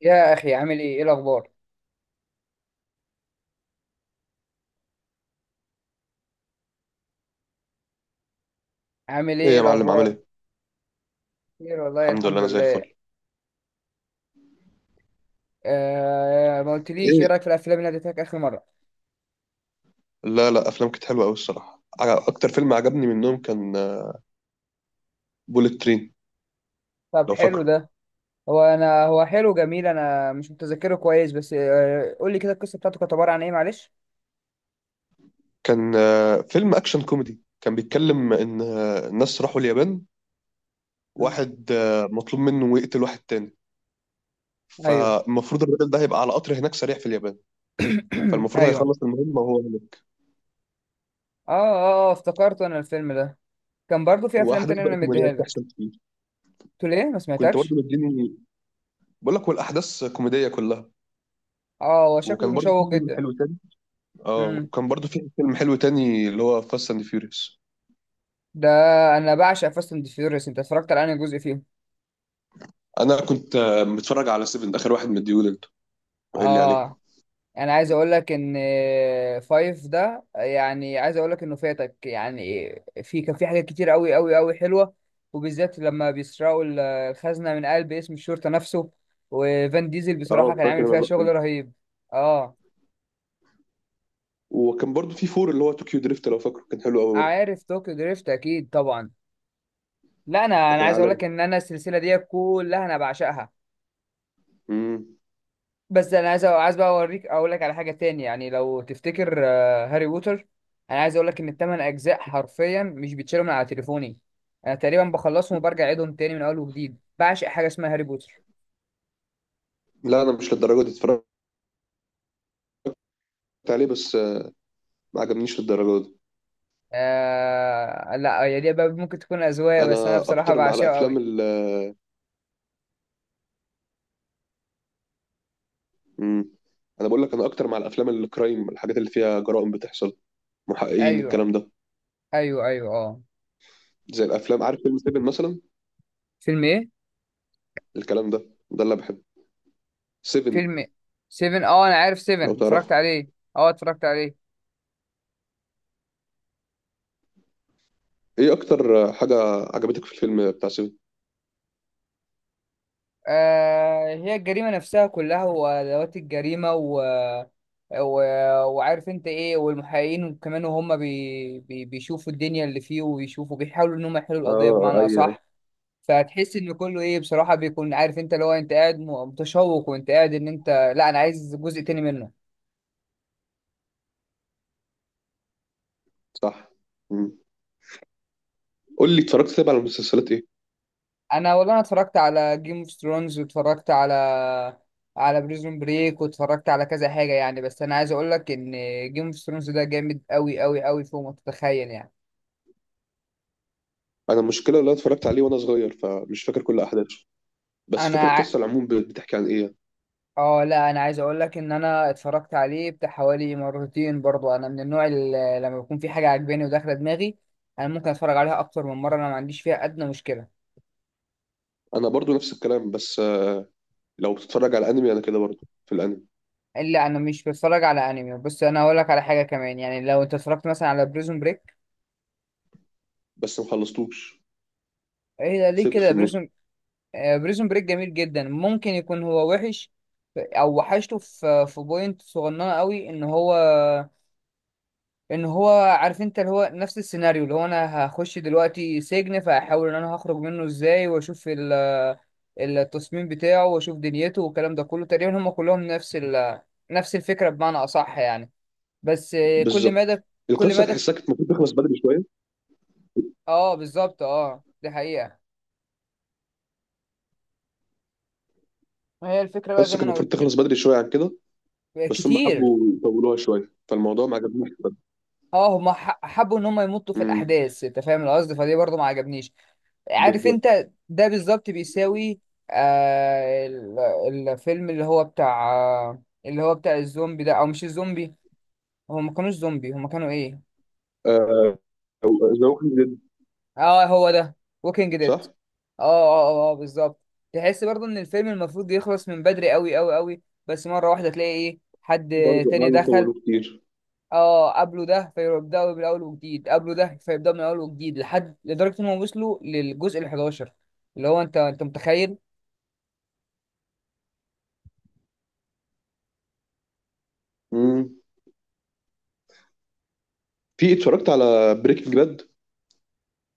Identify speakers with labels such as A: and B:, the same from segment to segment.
A: يا اخي، عامل ايه، ايه الاخبار؟ عامل
B: ايه
A: ايه، إيه
B: يا معلم، عامل
A: الاخبار؟
B: ايه؟
A: خير والله،
B: الحمد لله،
A: الحمد
B: انا زي
A: لله.
B: الفل.
A: آه، ما قلتليش ايه
B: ايه.
A: رايك في الافلام اللي اديتك اخر مره؟
B: لا، لا، افلام كانت حلوه قوي الصراحه، اكتر فيلم عجبني منهم كان بوليت ترين.
A: طب
B: لو
A: حلو
B: فاكره.
A: ده. هو انا، هو حلو جميل، انا مش متذكره كويس، بس قول لي كده، القصه بتاعته كانت عباره عن ايه؟ معلش.
B: كان فيلم اكشن كوميدي، كان بيتكلم ان الناس راحوا اليابان.
A: مم.
B: واحد مطلوب منه يقتل واحد تاني.
A: ايوه.
B: فالمفروض الراجل ده هيبقى على قطر هناك سريع في اليابان. فالمفروض
A: ايوه.
B: هيخلص المهمه وهو هناك.
A: اه اه، آه، افتكرت انا الفيلم ده. كان برضو في افلام
B: واحداث
A: تانية
B: بقى
A: انا
B: كوميديه
A: مديها لك.
B: بتحصل كتير.
A: قلت ليه ما
B: كنت برضه
A: سمعتكش؟
B: مديني. بقول لك والاحداث كوميديه كلها.
A: اه، هو شكله
B: وكان برضه في
A: مشوق
B: فيلم
A: جدا.
B: حلو تاني. اه،
A: امم
B: وكان برضه في فيلم حلو تاني اللي هو فاست اند فيوريوس.
A: ده، انا بعشق فاست اند فيوريوس. انت اتفرجت على انهي جزء فيهم؟
B: انا كنت متفرج على 7، اخر واحد مديهولي انت قايل لي عليه.
A: اه، انا عايز اقول لك ان فايف ده، يعني عايز اقول لك انه فاتك يعني. كان في حاجات كتير قوي قوي قوي حلوه، وبالذات لما بيسرقوا الخزنه من قلب اسم الشرطه نفسه. وفان ديزل
B: اه،
A: بصراحه كان عامل
B: فاكر انا
A: فيها
B: اللقطه
A: شغل
B: دي.
A: رهيب. اه،
B: وكان برضو في فور اللي هو طوكيو دريفت، لو فاكره كان حلو قوي برضو.
A: عارف طوكيو دريفت اكيد طبعا. لا، انا
B: ده
A: انا
B: كان
A: عايز اقول لك
B: عالمي.
A: ان انا السلسله دي كلها انا بعشقها.
B: امم.
A: بس انا عايز بقى اوريك، اقول لك على حاجه تاني، يعني لو تفتكر هاري بوتر. انا عايز اقول لك ان الثمان اجزاء حرفيا مش بيتشالوا من على تليفوني. انا تقريبا بخلصهم وبرجع اعيدهم تاني من اول وجديد، بعشق حاجه اسمها هاري بوتر.
B: لا، انا مش للدرجه دي اتفرجت عليه، بس ما عجبنيش للدرجه دي.
A: آه لا، هي دي بقى ممكن تكون اذواق، بس انا
B: انا
A: بصراحه
B: اكتر مع
A: بعشقه
B: الافلام
A: قوي.
B: ال امم. انا بقول لك، انا اكتر مع الافلام الكرايم، الحاجات اللي فيها جرائم بتحصل، محققين،
A: ايوه
B: الكلام ده.
A: ايوه ايوه، اه.
B: زي الافلام، عارف فيلم 7 مثلا؟
A: فيلم ايه؟
B: الكلام ده، ده اللي بحبه. 7،
A: فيلم 7، اه انا عارف
B: لو
A: 7، اتفرجت
B: تعرفه.
A: عليه. اه، اتفرجت عليه.
B: ايه اكتر حاجه عجبتك في الفيلم بتاع 7؟
A: آه، هي الجريمة نفسها كلها، وأدوات الجريمة، و... وعارف انت ايه، والمحققين كمان، وهم بيشوفوا الدنيا اللي فيه، وبيشوفوا بيحاولوا ان هم يحلوا القضية بمعنى أصح. فتحس ان كله ايه بصراحة، بيكون عارف انت اللي هو، انت قاعد متشوق، وانت قاعد ان انت. لا، انا عايز جزء تاني منه.
B: صح. مم. قول لي، اتفرجت طيب على مسلسلات ايه؟
A: انا والله، انا اتفرجت على جيم اوف ثرونز، واتفرجت على بريزون بريك، واتفرجت على كذا حاجة يعني، بس انا عايز اقول لك ان جيم اوف ثرونز ده جامد قوي قوي قوي فوق ما تتخيل يعني.
B: انا المشكله، اللي انا اتفرجت عليه وانا صغير، فمش فاكر كل احداثه، بس فاكر
A: انا ع-
B: القصه العموم بتحكي عن ايه.
A: اه لا، انا عايز اقول لك ان انا اتفرجت عليه بتاع حوالي مرتين، برضو انا من النوع اللي لما بيكون في حاجه عاجباني وداخله دماغي. انا ممكن اتفرج عليها اكتر من مره، انا ما عنديش فيها ادنى مشكله.
B: انا برضو نفس الكلام، بس لو بتتفرج على انمي، انا كده برضو في الانمي.
A: الا، انا مش بتفرج على انمي. بص انا هقول لك على حاجه كمان، يعني لو انت اتفرجت مثلا على بريزون بريك.
B: بس ما خلصتوش،
A: ايه ده ليه
B: سبت في
A: كده؟
B: النص.
A: بريزون بريك جميل جدا، ممكن يكون هو وحش. او وحشته في بوينت صغننه قوي، ان هو، عارف انت اللي هو نفس السيناريو، اللي هو انا هخش دلوقتي سجن فاحاول ان انا هخرج منه ازاي، واشوف التصميم بتاعه واشوف دنيته والكلام ده كله، تقريبا هم كلهم نفس نفس الفكرة بمعنى اصح يعني. بس
B: بالظبط،
A: كل
B: القصه
A: مادة،
B: تحسها كانت المفروض تخلص بدري شويه.
A: اه بالظبط، اه دي حقيقة. هي الفكرة بقى زي
B: القصه كانت
A: ما انا
B: المفروض
A: قلت
B: تخلص بدري شويه عن كده،
A: لك
B: بس هم
A: كتير.
B: حبوا يطولوها شويه فالموضوع ما عجبنيش بجد.
A: اه، هم حبوا ان هم يمطوا في
B: امم.
A: الاحداث، انت فاهم القصد، فدي برضه ما عجبنيش. عارف
B: بالظبط.
A: انت، ده بالظبط بيساوي الفيلم اللي هو بتاع اللي هو بتاع الزومبي ده، او مش الزومبي، هو ما كانوش زومبي، هما كانوا ايه؟
B: آه، ذا ووكينج ديد.
A: اه هو ده، ووكينج ديد.
B: صح.
A: اه اه اه، آه بالظبط. تحس برضه ان الفيلم المفروض يخلص من بدري قوي قوي قوي، بس مرة واحدة تلاقي ايه حد
B: برضه
A: تاني
B: قعدوا
A: دخل.
B: يطولوه كتير.
A: اه، قبله ده فيبدأوا من الاول وجديد، لحد لدرجة انهم وصلوا للجزء ال 11، اللي هو انت متخيل؟
B: امم. في، اتفرجت على بريكنج باد؟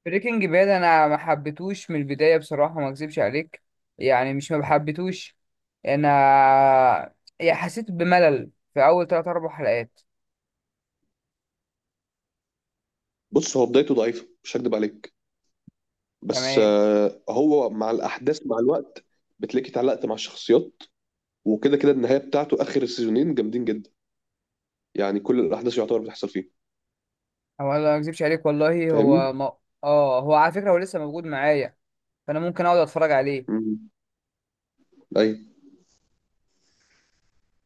A: بريكنج باد، انا ما حبيتهوش من البدايه بصراحه، ما اكذبش عليك. يعني مش ما حبيتهوش، انا يعني حسيت بملل في اول 3 4 حلقات.
B: بص، هو بدايته ضعيفه، مش هكدب عليك، بس
A: تمام.
B: هو مع الاحداث مع الوقت بتلاقيك اتعلقت مع الشخصيات، وكده كده النهايه بتاعته اخر السيزونين جامدين جدا، يعني كل الاحداث يعتبر بتحصل فيه.
A: هو أنا ما اكذبش عليك والله،
B: فاهمني؟
A: هو ما... اه، هو على فكره، هو لسه موجود معايا، فانا ممكن اقعد اتفرج عليه.
B: امم. ايوه.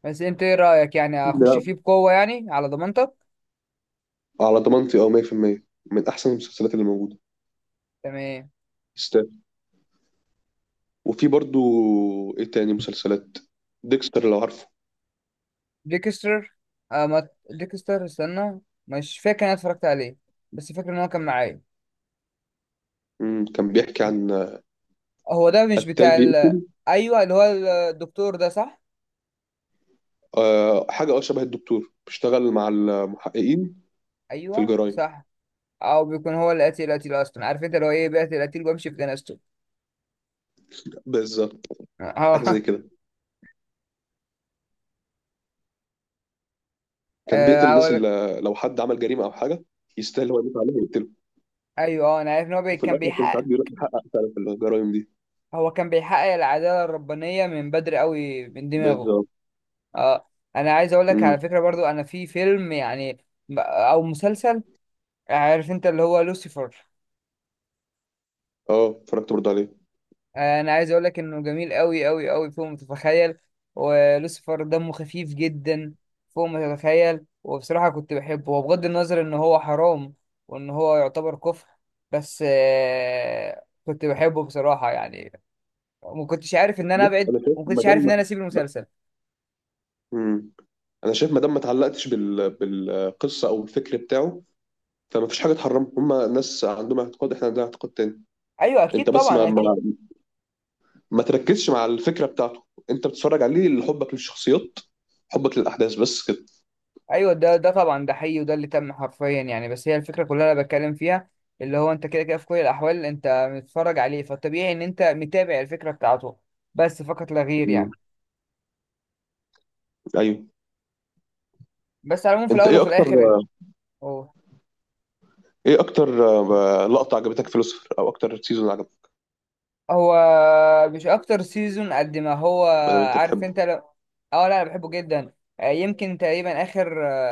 A: بس انت ايه رايك يعني؟
B: ده
A: اخش فيه بقوه يعني على ضمانتك؟
B: على ضمانتي اه، 100% من احسن المسلسلات اللي موجوده،
A: تمام.
B: يستاهل. وفي برضو ايه تاني مسلسلات. ديكستر، لو عارفه.
A: ديكستر، آه ما... ديكستر استنى، مش فاكر انا اتفرجت عليه، بس فاكر ان هو كان معايا.
B: امم، كان بيحكي عن
A: هو ده مش
B: قتال
A: بتاع
B: بيقتل.
A: ايوه، اللي هو الدكتور ده، صح؟
B: آه، حاجه، اه، شبه الدكتور بيشتغل مع المحققين في
A: ايوه
B: الجرائم.
A: صح، او بيكون هو القتيل، القتيل اصلا، عارف انت اللي هو ايه، بيقتل القتيل وبمشي في جنازته.
B: بالظبط، حاجه زي
A: اه.
B: كده. كان
A: آه،
B: بيقتل الناس
A: أقول-
B: اللي لو حد عمل جريمه او حاجه يستاهل هو يموت عليه ويقتله.
A: ايوه، انا عارف ان هو
B: وفي
A: كان
B: الاخر كان ساعات
A: بيحقق.
B: بيروح يحقق فعلا في الجرايم دي.
A: هو كان بيحقق العداله الربانيه من بدري قوي من دماغه.
B: بالظبط.
A: اه. انا عايز اقول لك
B: امم.
A: على فكره برضو، انا في فيلم يعني او مسلسل، عارف انت اللي هو لوسيفر.
B: اه، اتفرجت برضه عليه.
A: انا عايز اقول لك انه جميل قوي قوي قوي فوق ما تتخيل. ولوسيفر دمه خفيف جدا فوق ما تتخيل، وبصراحه كنت بحبه، وبغض النظر ان هو حرام وان هو يعتبر كفر، بس كنت بحبه بصراحه يعني. ما كنتش عارف ان انا
B: بص
A: ابعد،
B: انا شايف
A: وما
B: ما
A: كنتش
B: دام
A: عارف ان
B: ما-
A: انا اسيب
B: ما-
A: المسلسل.
B: امم. انا شايف ما دام ما اتعلقتش بالقصه او الفكر بتاعه، فما فيش حاجه تحرمهم، هما ناس عندهم اعتقاد، احنا عندنا اعتقاد تاني.
A: ايوه اكيد
B: انت بس ما
A: طبعا،
B: ما,
A: اكيد.
B: ما تركزش مع الفكره بتاعته، انت بتتفرج عليه لحبك للشخصيات، حبك للاحداث، بس كده.
A: ايوه، ده طبعا، ده حقيقي، وده اللي تم حرفيا يعني، بس هي الفكره كلها انا بتكلم فيها، اللي هو انت كده كده في كل الاحوال انت متفرج عليه، فالطبيعي ان انت متابع الفكره بتاعته، بس فقط لا غير
B: مم.
A: يعني.
B: ايوه.
A: بس على العموم، في
B: انت
A: الاول
B: ايه
A: وفي
B: اكتر
A: الاخر، هو
B: ايه اكتر لقطة عجبتك في لوسيفر، او اكتر سيزون عجبك؟
A: هو مش اكتر سيزون قد ما هو،
B: ما دام انت
A: عارف
B: بتحبه.
A: انت لو. اه لا، انا بحبه جدا. يمكن تقريبا اخر،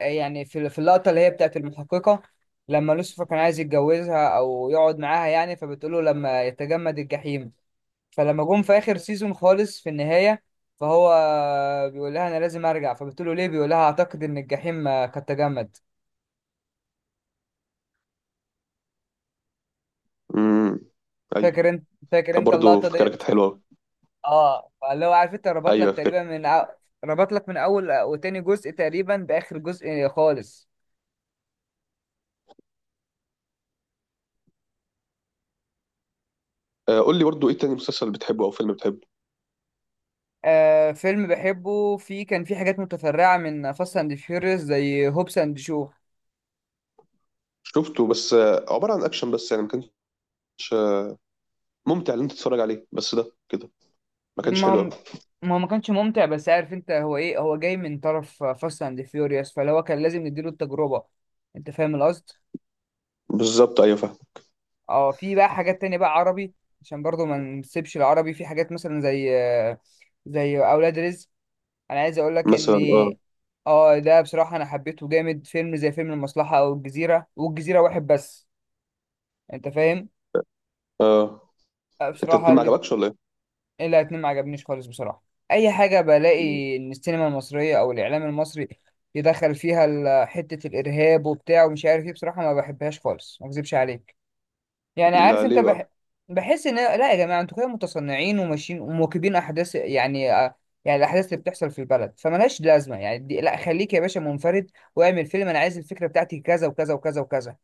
A: يعني في اللقطه اللي هي بتاعت المحققه لما لوسيفر كان عايز يتجوزها او يقعد معاها يعني، فبتقول له لما يتجمد الجحيم. فلما جم في اخر سيزون خالص في النهايه، فهو بيقول لها انا لازم ارجع، فبتقول له ليه، بيقول لها اعتقد ان الجحيم قد تجمد.
B: امم. ايوه.
A: فاكر انت؟
B: كان برضه
A: اللقطه
B: فكرة
A: ديت؟
B: كانت حلوة أوي.
A: اه، فاللي هو عارف انت، ربط
B: ايوه،
A: لك
B: فكرة.
A: تقريبا من ربط لك من اول وتاني جزء تقريبا باخر جزء خالص.
B: قول لي برضه، ايه تاني مسلسل بتحبه او فيلم بتحبه؟
A: آه، فيلم بحبه فيه، كان فيه حاجات متفرعه من فاست اند فيوريوس زي هوبس اند شو.
B: شفته، بس عبارة عن اكشن بس، يعني ما كانش آه، ممتع ان انت تتفرج عليه، بس ده كده ما كانش
A: ما هو
B: حلو قوي.
A: ما هو ما كانش ممتع، بس عارف انت هو ايه، هو جاي من طرف فاست اند فيوريوس، فاللي هو كان لازم نديله التجربة. انت فاهم القصد.
B: بالظبط، ايوه فاهم.
A: اه، في بقى حاجات تانية بقى عربي، عشان برضو ما نسيبش العربي، في حاجات مثلا زي اولاد رزق. انا عايز اقول لك ان
B: مثلا، اه.
A: اه ده بصراحة انا حبيته جامد، فيلم زي فيلم المصلحة، او الجزيرة، والجزيرة واحد بس، انت فاهم،
B: اه، انت
A: بصراحة
B: اتنين ما
A: الاتنين.
B: عجبكش ولا ايه؟
A: لا، اتنين ما عجبنيش خالص بصراحة. اي حاجة بلاقي ان السينما المصرية او الاعلام المصري يدخل فيها حتة الارهاب وبتاع ومش عارف ايه، بصراحة ما بحبهاش خالص ما اكذبش عليك، يعني
B: ده
A: عارف انت،
B: ليه بقى؟
A: بحس ان لا يا جماعة، انتوا كده متصنعين وماشيين ومواكبين احداث يعني، يعني الاحداث اللي بتحصل في البلد فملهاش لازمة يعني، لا، خليك يا باشا منفرد، واعمل فيلم انا عايز الفكرة بتاعتي كذا وكذا وكذا وكذا.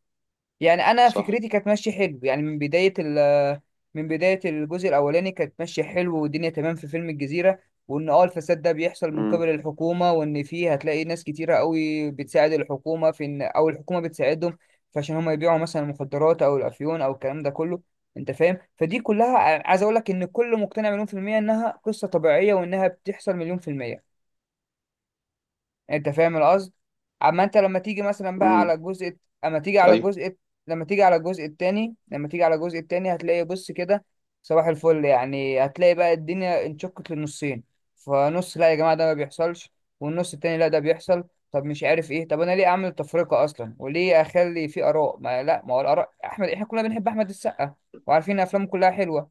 A: يعني انا
B: صح.
A: فكرتي كانت ماشيه حلو، يعني من بدايه من بدايه الجزء الاولاني كانت ماشيه حلو، والدنيا تمام في فيلم الجزيره. وان اه الفساد ده بيحصل من قبل
B: امم.
A: الحكومه، وان فيه هتلاقي ناس كتيره قوي بتساعد الحكومه في ان، او الحكومه بتساعدهم، فعشان هم يبيعوا مثلا المخدرات او الافيون او الكلام ده كله. انت فاهم، فدي كلها، عايز اقول لك ان كل مقتنع مليون في الميه انها قصه طبيعيه، وانها بتحصل مليون في الميه. انت فاهم القصد. اما انت لما تيجي مثلا بقى على
B: امم.
A: الجزء، اما تيجي على
B: ايوه.
A: الجزء لما تيجي على الجزء التاني، هتلاقي بص كده، صباح الفل، يعني هتلاقي بقى الدنيا انشقت للنصين. فنص لا يا جماعة، ده ما بيحصلش، والنص التاني لا، ده بيحصل. طب مش عارف ايه، طب انا ليه اعمل تفرقة اصلا، وليه اخلي في اراء؟ ما لا، ما هو الاراء، احمد احنا كلنا بنحب احمد السقا، وعارفين افلامه كلها حلوة،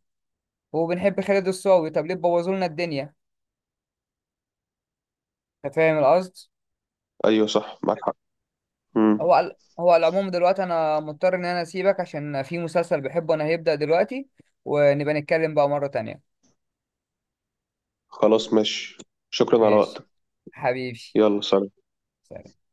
A: وبنحب خالد الصاوي، طب ليه بوظوا لنا الدنيا؟ انت فاهم القصد.
B: ايوه، صح، معاك حق. امم.
A: هو على العموم دلوقتي، انا مضطر ان انا اسيبك عشان في مسلسل بحبه انا هيبدأ دلوقتي، ونبقى نتكلم بقى مرة تانية.
B: خلاص، ماشي. شكرا على
A: ماشي،
B: وقتك.
A: حبيبي،
B: يلا، سلام.
A: سلام.